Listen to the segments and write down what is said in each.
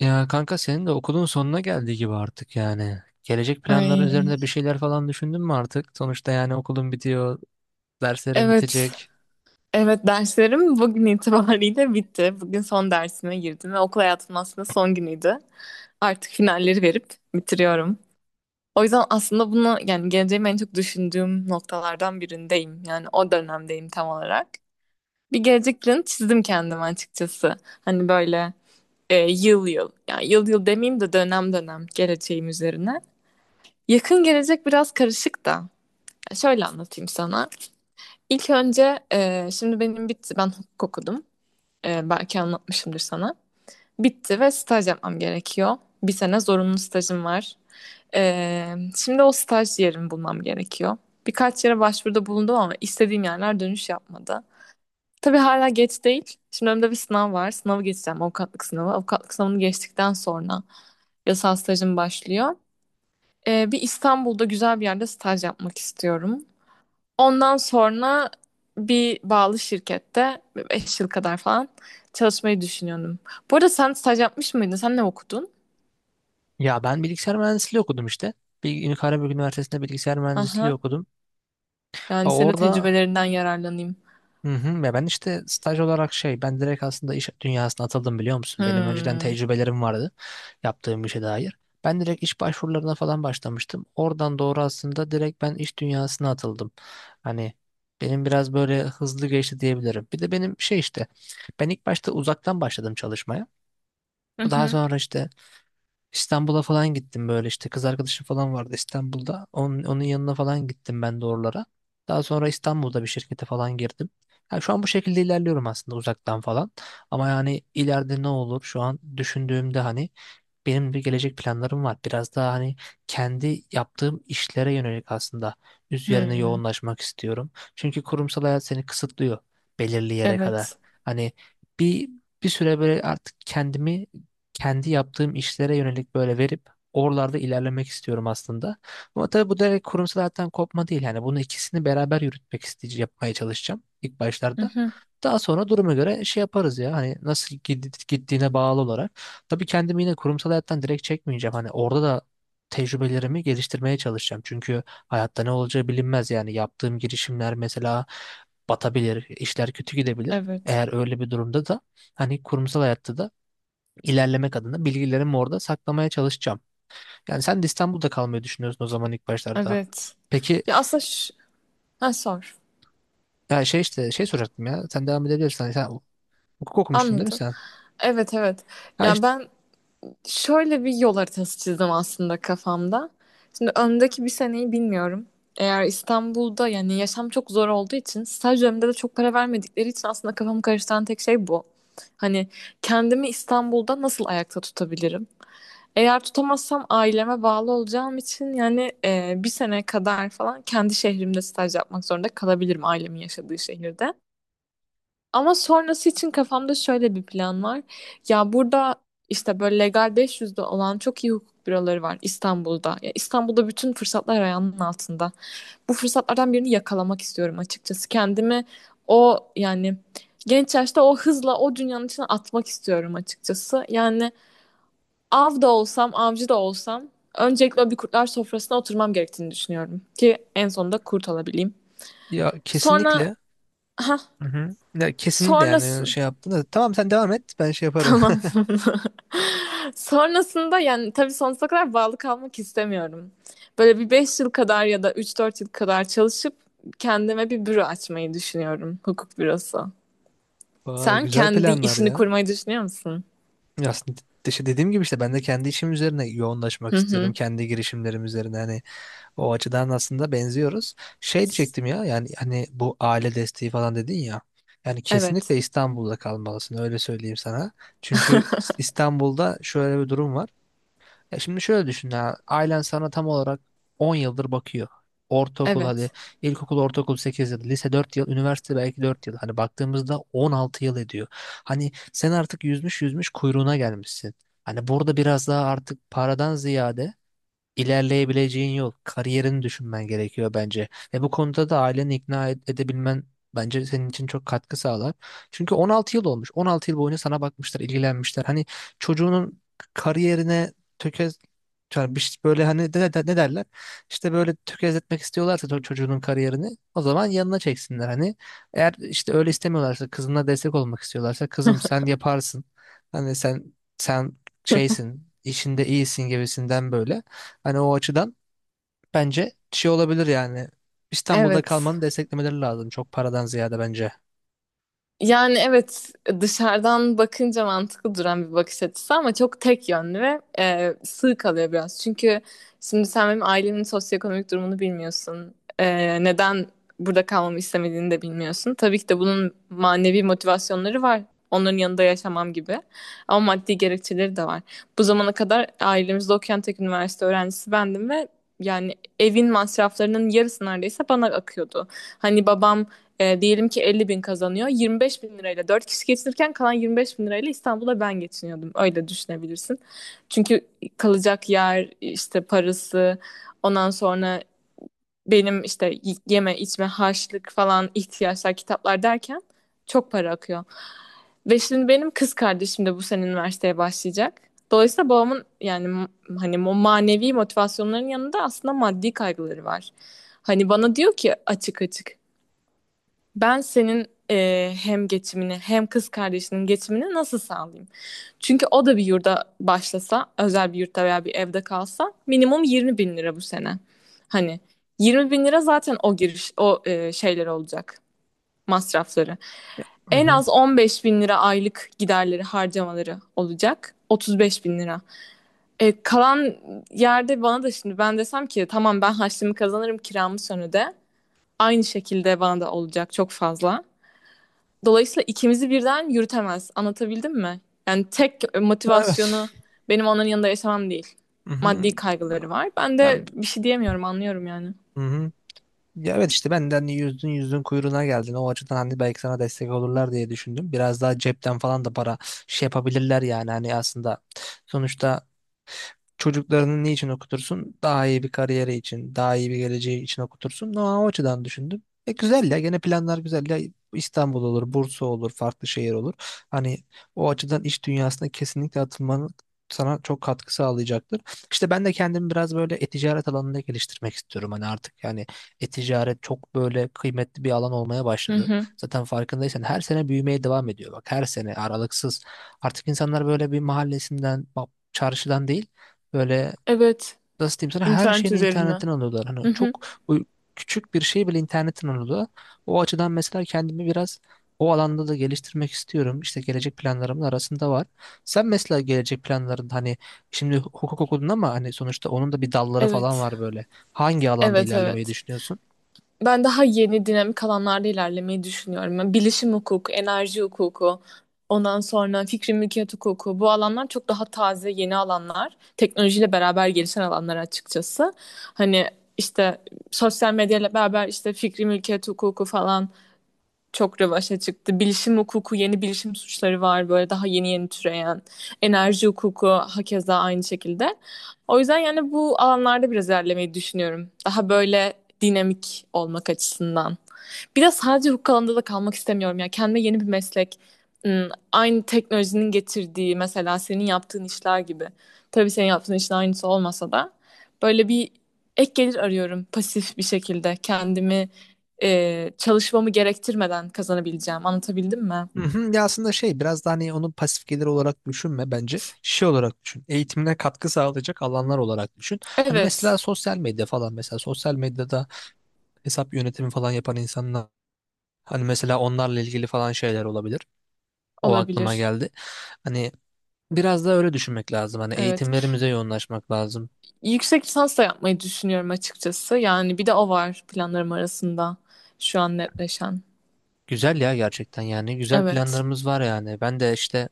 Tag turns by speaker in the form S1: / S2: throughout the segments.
S1: Ya kanka senin de okulun sonuna geldiği gibi artık yani. Gelecek planları
S2: Ay,
S1: üzerinde bir şeyler falan düşündün mü artık? Sonuçta yani okulun bitiyor, derslerin
S2: evet.
S1: bitecek.
S2: Evet derslerim bugün itibariyle bitti. Bugün son dersime girdim ve okul hayatımın aslında son günüydü. Artık finalleri verip bitiriyorum. O yüzden aslında bunu yani geleceğimi en çok düşündüğüm noktalardan birindeyim. Yani o dönemdeyim tam olarak. Bir gelecek planı çizdim kendime açıkçası. Hani böyle yıl yıl yani yıl yıl demeyeyim de dönem dönem geleceğim üzerine. Yakın gelecek biraz karışık da. Şöyle anlatayım sana. İlk önce şimdi benim bitti. Ben hukuk okudum. Belki anlatmışımdır sana. Bitti ve staj yapmam gerekiyor. Bir sene zorunlu stajım var. Şimdi o staj yerimi bulmam gerekiyor. Birkaç yere başvuruda bulundum ama istediğim yerler dönüş yapmadı. Tabii hala geç değil. Şimdi önümde bir sınav var. Sınavı geçeceğim. Avukatlık sınavı. Avukatlık sınavını geçtikten sonra yasal stajım başlıyor. Bir İstanbul'da güzel bir yerde staj yapmak istiyorum. Ondan sonra bir bağlı şirkette 5 yıl kadar falan çalışmayı düşünüyordum. Bu arada sen staj yapmış mıydın? Sen ne okudun?
S1: Ya ben bilgisayar mühendisliği okudum işte. Karabük Üniversitesi'nde bilgisayar mühendisliği
S2: Aha.
S1: okudum.
S2: Yani
S1: Ha,
S2: senin de
S1: orada.
S2: tecrübelerinden yararlanayım.
S1: Hı hı. Ya ben işte staj olarak şey ben direkt aslında iş dünyasına atıldım biliyor musun? Benim önceden
S2: Hmm.
S1: tecrübelerim vardı yaptığım işe dair. Ben direkt iş başvurularına falan başlamıştım. Oradan doğru aslında direkt ben iş dünyasına atıldım. Hani benim biraz böyle hızlı geçti diyebilirim. Bir de benim şey işte ben ilk başta uzaktan başladım çalışmaya.
S2: Hı
S1: Daha
S2: hı.
S1: sonra işte İstanbul'a falan gittim böyle işte kız arkadaşım falan vardı İstanbul'da. Onun, yanına falan gittim ben de oralara. Daha sonra İstanbul'da bir şirkete falan girdim. Yani şu an bu şekilde ilerliyorum aslında uzaktan falan. Ama yani ileride ne olur şu an düşündüğümde hani benim bir gelecek planlarım var. Biraz daha hani kendi yaptığım işlere yönelik aslında üzerine
S2: Hmm.
S1: yoğunlaşmak istiyorum. Çünkü kurumsal hayat seni kısıtlıyor belirli yere kadar.
S2: Evet.
S1: Hani bir bir süre böyle artık kendimi kendi yaptığım işlere yönelik böyle verip oralarda ilerlemek istiyorum aslında. Ama tabii bu direkt kurumsal hayattan kopma değil. Yani bunu ikisini beraber yürütmek isteyeceğim, yapmaya çalışacağım ilk
S2: Hı
S1: başlarda.
S2: hı.
S1: Daha sonra duruma göre şey yaparız ya hani nasıl gittiğine bağlı olarak. Tabii kendimi yine kurumsal hayattan direkt çekmeyeceğim. Hani orada da tecrübelerimi geliştirmeye çalışacağım. Çünkü hayatta ne olacağı bilinmez yani. Yaptığım girişimler mesela batabilir, işler kötü gidebilir.
S2: Evet.
S1: Eğer öyle bir durumda da hani kurumsal hayatta da ilerlemek adına bilgilerimi orada saklamaya çalışacağım. Yani sen de İstanbul'da kalmayı düşünüyorsun o zaman ilk başlarda.
S2: Evet.
S1: Peki
S2: Ya aslında ş- ha, sor.
S1: ya şey işte şey soracaktım ya. Sen devam edebilirsin. Hani sen hukuk okumuştun değil mi
S2: Anladım.
S1: sen?
S2: Evet evet.
S1: Ha
S2: Ya
S1: işte
S2: ben Şöyle bir yol haritası çizdim aslında kafamda. Şimdi önümdeki bir seneyi bilmiyorum. Eğer İstanbul'da yani yaşam çok zor olduğu için staj döneminde de çok para vermedikleri için aslında kafamı karıştıran tek şey bu. Hani kendimi İstanbul'da nasıl ayakta tutabilirim? Eğer tutamazsam aileme bağlı olacağım için yani bir sene kadar falan kendi şehrimde staj yapmak zorunda kalabilirim ailemin yaşadığı şehirde. Ama sonrası için kafamda şöyle bir plan var. Ya burada işte böyle legal 500'de olan çok iyi hukuk büroları var İstanbul'da. Ya İstanbul'da bütün fırsatlar ayağının altında. Bu fırsatlardan birini yakalamak istiyorum açıkçası. Kendimi o yani genç yaşta o hızla o dünyanın içine atmak istiyorum açıkçası. Yani av da olsam, avcı da olsam öncelikle o bir kurtlar sofrasına oturmam gerektiğini düşünüyorum ki en sonunda kurt olabileyim.
S1: ya,
S2: Sonra,
S1: kesinlikle.
S2: ha,
S1: Hı hı. Ya, kesinlikle
S2: sonrası.
S1: yani şey yaptın da. Tamam sen devam et ben şey yaparım.
S2: Tamam. Sonrasında yani tabii sonsuza kadar bağlı kalmak istemiyorum. Böyle bir 5 yıl kadar ya da 3-4 yıl kadar çalışıp kendime bir büro açmayı düşünüyorum. Hukuk bürosu.
S1: Vay
S2: Sen
S1: güzel
S2: kendi
S1: planlar
S2: işini
S1: ya.
S2: kurmayı düşünüyor musun?
S1: Ya aslında işte dediğim gibi işte ben de kendi işim üzerine
S2: Hı
S1: yoğunlaşmak
S2: hı.
S1: istiyorum. Kendi girişimlerim üzerine hani o açıdan aslında benziyoruz. Şey diyecektim ya yani hani bu aile desteği falan dedin ya. Yani
S2: Evet.
S1: kesinlikle İstanbul'da kalmalısın öyle söyleyeyim sana. Çünkü İstanbul'da şöyle bir durum var. Ya şimdi şöyle düşün ya. Ailen sana tam olarak 10 yıldır bakıyor. Ortaokul hadi,
S2: Evet.
S1: ilkokul ortaokul 8 yıl, lise 4 yıl, üniversite belki 4 yıl, hani baktığımızda 16 yıl ediyor. Hani sen artık yüzmüş yüzmüş kuyruğuna gelmişsin. Hani burada biraz daha artık paradan ziyade ilerleyebileceğin yol, kariyerini düşünmen gerekiyor bence. Ve bu konuda da aileni ikna edebilmen bence senin için çok katkı sağlar. Çünkü 16 yıl olmuş. 16 yıl boyunca sana bakmışlar, ilgilenmişler. Hani çocuğunun kariyerine tökez yani bir böyle hani ne derler? İşte böyle tökezletmek istiyorlarsa çocuğunun kariyerini o zaman yanına çeksinler hani. Eğer işte öyle istemiyorlarsa, kızına destek olmak istiyorlarsa, kızım sen yaparsın. Hani sen şeysin, işinde iyisin gibisinden böyle. Hani o açıdan bence şey olabilir yani. İstanbul'da
S2: Evet.
S1: kalmanı desteklemeleri lazım. Çok paradan ziyade bence.
S2: Yani evet dışarıdan bakınca mantıklı duran bir bakış açısı ama çok tek yönlü ve sığ kalıyor biraz. Çünkü şimdi sen benim ailemin sosyoekonomik durumunu bilmiyorsun. Neden burada kalmamı istemediğini de bilmiyorsun. Tabii ki de bunun manevi motivasyonları var. Onların yanında yaşamam gibi. Ama maddi gerekçeleri de var. Bu zamana kadar ailemizde okuyan tek üniversite öğrencisi bendim ve yani evin masraflarının yarısı neredeyse bana akıyordu. Hani babam diyelim ki 50.000 kazanıyor. 25.000 lirayla 4 kişi geçinirken kalan 25.000 lirayla İstanbul'a ben geçiniyordum. Öyle düşünebilirsin. Çünkü kalacak yer, işte parası, ondan sonra benim işte yeme içme harçlık falan ihtiyaçlar kitaplar derken çok para akıyor. Ve şimdi benim kız kardeşim de bu sene üniversiteye başlayacak. Dolayısıyla babamın yani hani o manevi motivasyonların yanında aslında maddi kaygıları var. Hani bana diyor ki açık açık ben senin hem geçimini hem kız kardeşinin geçimini nasıl sağlayayım? Çünkü o da bir yurda başlasa, özel bir yurtta veya bir evde kalsa minimum 20 bin lira bu sene. Hani 20 bin lira zaten o giriş, o şeyler olacak, masrafları.
S1: Hı
S2: En
S1: hı.
S2: az 15 bin lira aylık giderleri, harcamaları olacak. 35 bin lira. Kalan yerde bana da şimdi ben desem ki tamam ben harçlığımı kazanırım kiramı sonra de. Aynı şekilde bana da olacak çok fazla. Dolayısıyla ikimizi birden yürütemez. Anlatabildim mi? Yani tek
S1: Evet.
S2: motivasyonu benim onların yanında yaşamam değil.
S1: Hı hı.
S2: Maddi kaygıları var. Ben
S1: Ya,
S2: de bir şey diyemiyorum, anlıyorum yani.
S1: hı hı. Ya evet işte benden yüzdün yüzdün kuyruğuna geldin. O açıdan hani belki sana destek olurlar diye düşündüm. Biraz daha cepten falan da para şey yapabilirler yani. Hani aslında, sonuçta çocuklarını niçin okutursun? Daha iyi bir kariyeri için, daha iyi bir geleceği için okutursun. No, o açıdan düşündüm. Güzel ya, gene planlar güzel ya. İstanbul olur, Bursa olur, farklı şehir olur. Hani o açıdan iş dünyasına kesinlikle atılmanın sana çok katkı sağlayacaktır. İşte ben de kendimi biraz böyle e-ticaret alanında geliştirmek istiyorum. Hani artık yani e-ticaret çok böyle kıymetli bir alan olmaya
S2: Hı
S1: başladı.
S2: hı.
S1: Zaten farkındaysan her sene büyümeye devam ediyor. Bak, her sene aralıksız. Artık insanlar böyle bir mahallesinden, bak, çarşıdan değil, böyle
S2: Evet.
S1: nasıl diyeyim sana, her
S2: İnternet
S1: şeyin
S2: üzerinden.
S1: internetten alıyorlar. Hani
S2: Hı hı.
S1: çok küçük bir şey bile internetten alıyorlar. O açıdan mesela kendimi biraz o alanda da geliştirmek istiyorum. İşte gelecek planlarımın arasında var. Sen mesela gelecek planların hani şimdi hukuk okudun ama hani sonuçta onun da bir dalları falan
S2: Evet.
S1: var böyle. Hangi alanda
S2: Evet,
S1: ilerlemeyi
S2: evet.
S1: düşünüyorsun?
S2: Ben daha yeni dinamik alanlarda ilerlemeyi düşünüyorum. Yani bilişim hukuku, enerji hukuku, ondan sonra fikri mülkiyet hukuku. Bu alanlar çok daha taze, yeni alanlar. Teknolojiyle beraber gelişen alanlar açıkçası. Hani işte sosyal medyayla beraber işte fikri mülkiyet hukuku falan çok revaşa çıktı. Bilişim hukuku, yeni bilişim suçları var böyle daha yeni yeni türeyen. Enerji hukuku hakeza aynı şekilde. O yüzden yani bu alanlarda biraz ilerlemeyi düşünüyorum. Daha böyle dinamik olmak açısından. Bir de sadece hukuk alanında da kalmak istemiyorum ya. Kendime yeni bir meslek, aynı teknolojinin getirdiği mesela senin yaptığın işler gibi. Tabii senin yaptığın işin aynısı olmasa da böyle bir ek gelir arıyorum pasif bir şekilde kendimi çalışmamı gerektirmeden kazanabileceğim. Anlatabildim mi?
S1: Hı hı. Ya aslında şey biraz da hani onu pasif gelir olarak düşünme bence. Şey olarak düşün. Eğitimine katkı sağlayacak alanlar olarak düşün. Hani mesela
S2: Evet,
S1: sosyal medya falan, mesela sosyal medyada hesap yönetimi falan yapan insan, hani mesela onlarla ilgili falan şeyler olabilir. O aklıma
S2: olabilir.
S1: geldi. Hani biraz da öyle düşünmek lazım. Hani
S2: Evet.
S1: eğitimlerimize yoğunlaşmak lazım.
S2: Yüksek lisans da yapmayı düşünüyorum açıkçası. Yani bir de o var planlarım arasında şu an netleşen.
S1: Güzel ya, gerçekten yani güzel
S2: Evet.
S1: planlarımız var yani. Ben de işte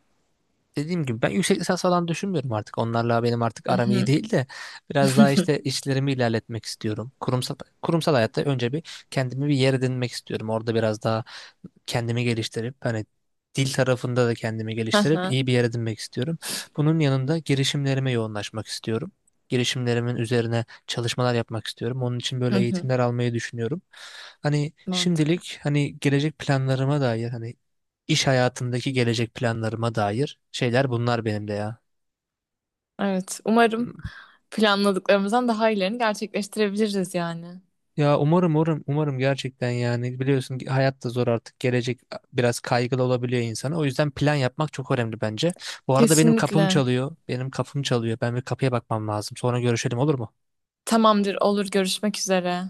S1: dediğim gibi ben yüksek lisans falan düşünmüyorum artık. Onlarla benim artık
S2: Hı
S1: aram iyi
S2: hı.
S1: değil de biraz daha işte işlerimi ilerletmek istiyorum. Kurumsal hayatta önce bir kendimi bir yer edinmek istiyorum. Orada biraz daha kendimi geliştirip hani dil tarafında da kendimi
S2: Hı
S1: geliştirip
S2: hı.
S1: iyi bir yer edinmek istiyorum. Bunun yanında girişimlerime yoğunlaşmak istiyorum. Girişimlerimin üzerine çalışmalar yapmak istiyorum. Onun için
S2: Hı
S1: böyle
S2: hı.
S1: eğitimler almayı düşünüyorum. Hani
S2: Mantıklı.
S1: şimdilik hani gelecek planlarıma dair, hani iş hayatındaki gelecek planlarıma dair şeyler bunlar benim de ya.
S2: Evet, umarım planladıklarımızdan daha iyilerini gerçekleştirebiliriz yani.
S1: Ya umarım umarım umarım gerçekten yani, biliyorsun ki hayat da zor artık, gelecek biraz kaygılı olabiliyor insana, o yüzden plan yapmak çok önemli bence. Bu arada benim kapım
S2: Kesinlikle.
S1: çalıyor, benim kapım çalıyor, ben bir kapıya bakmam lazım, sonra görüşelim olur mu?
S2: Tamamdır, olur görüşmek üzere.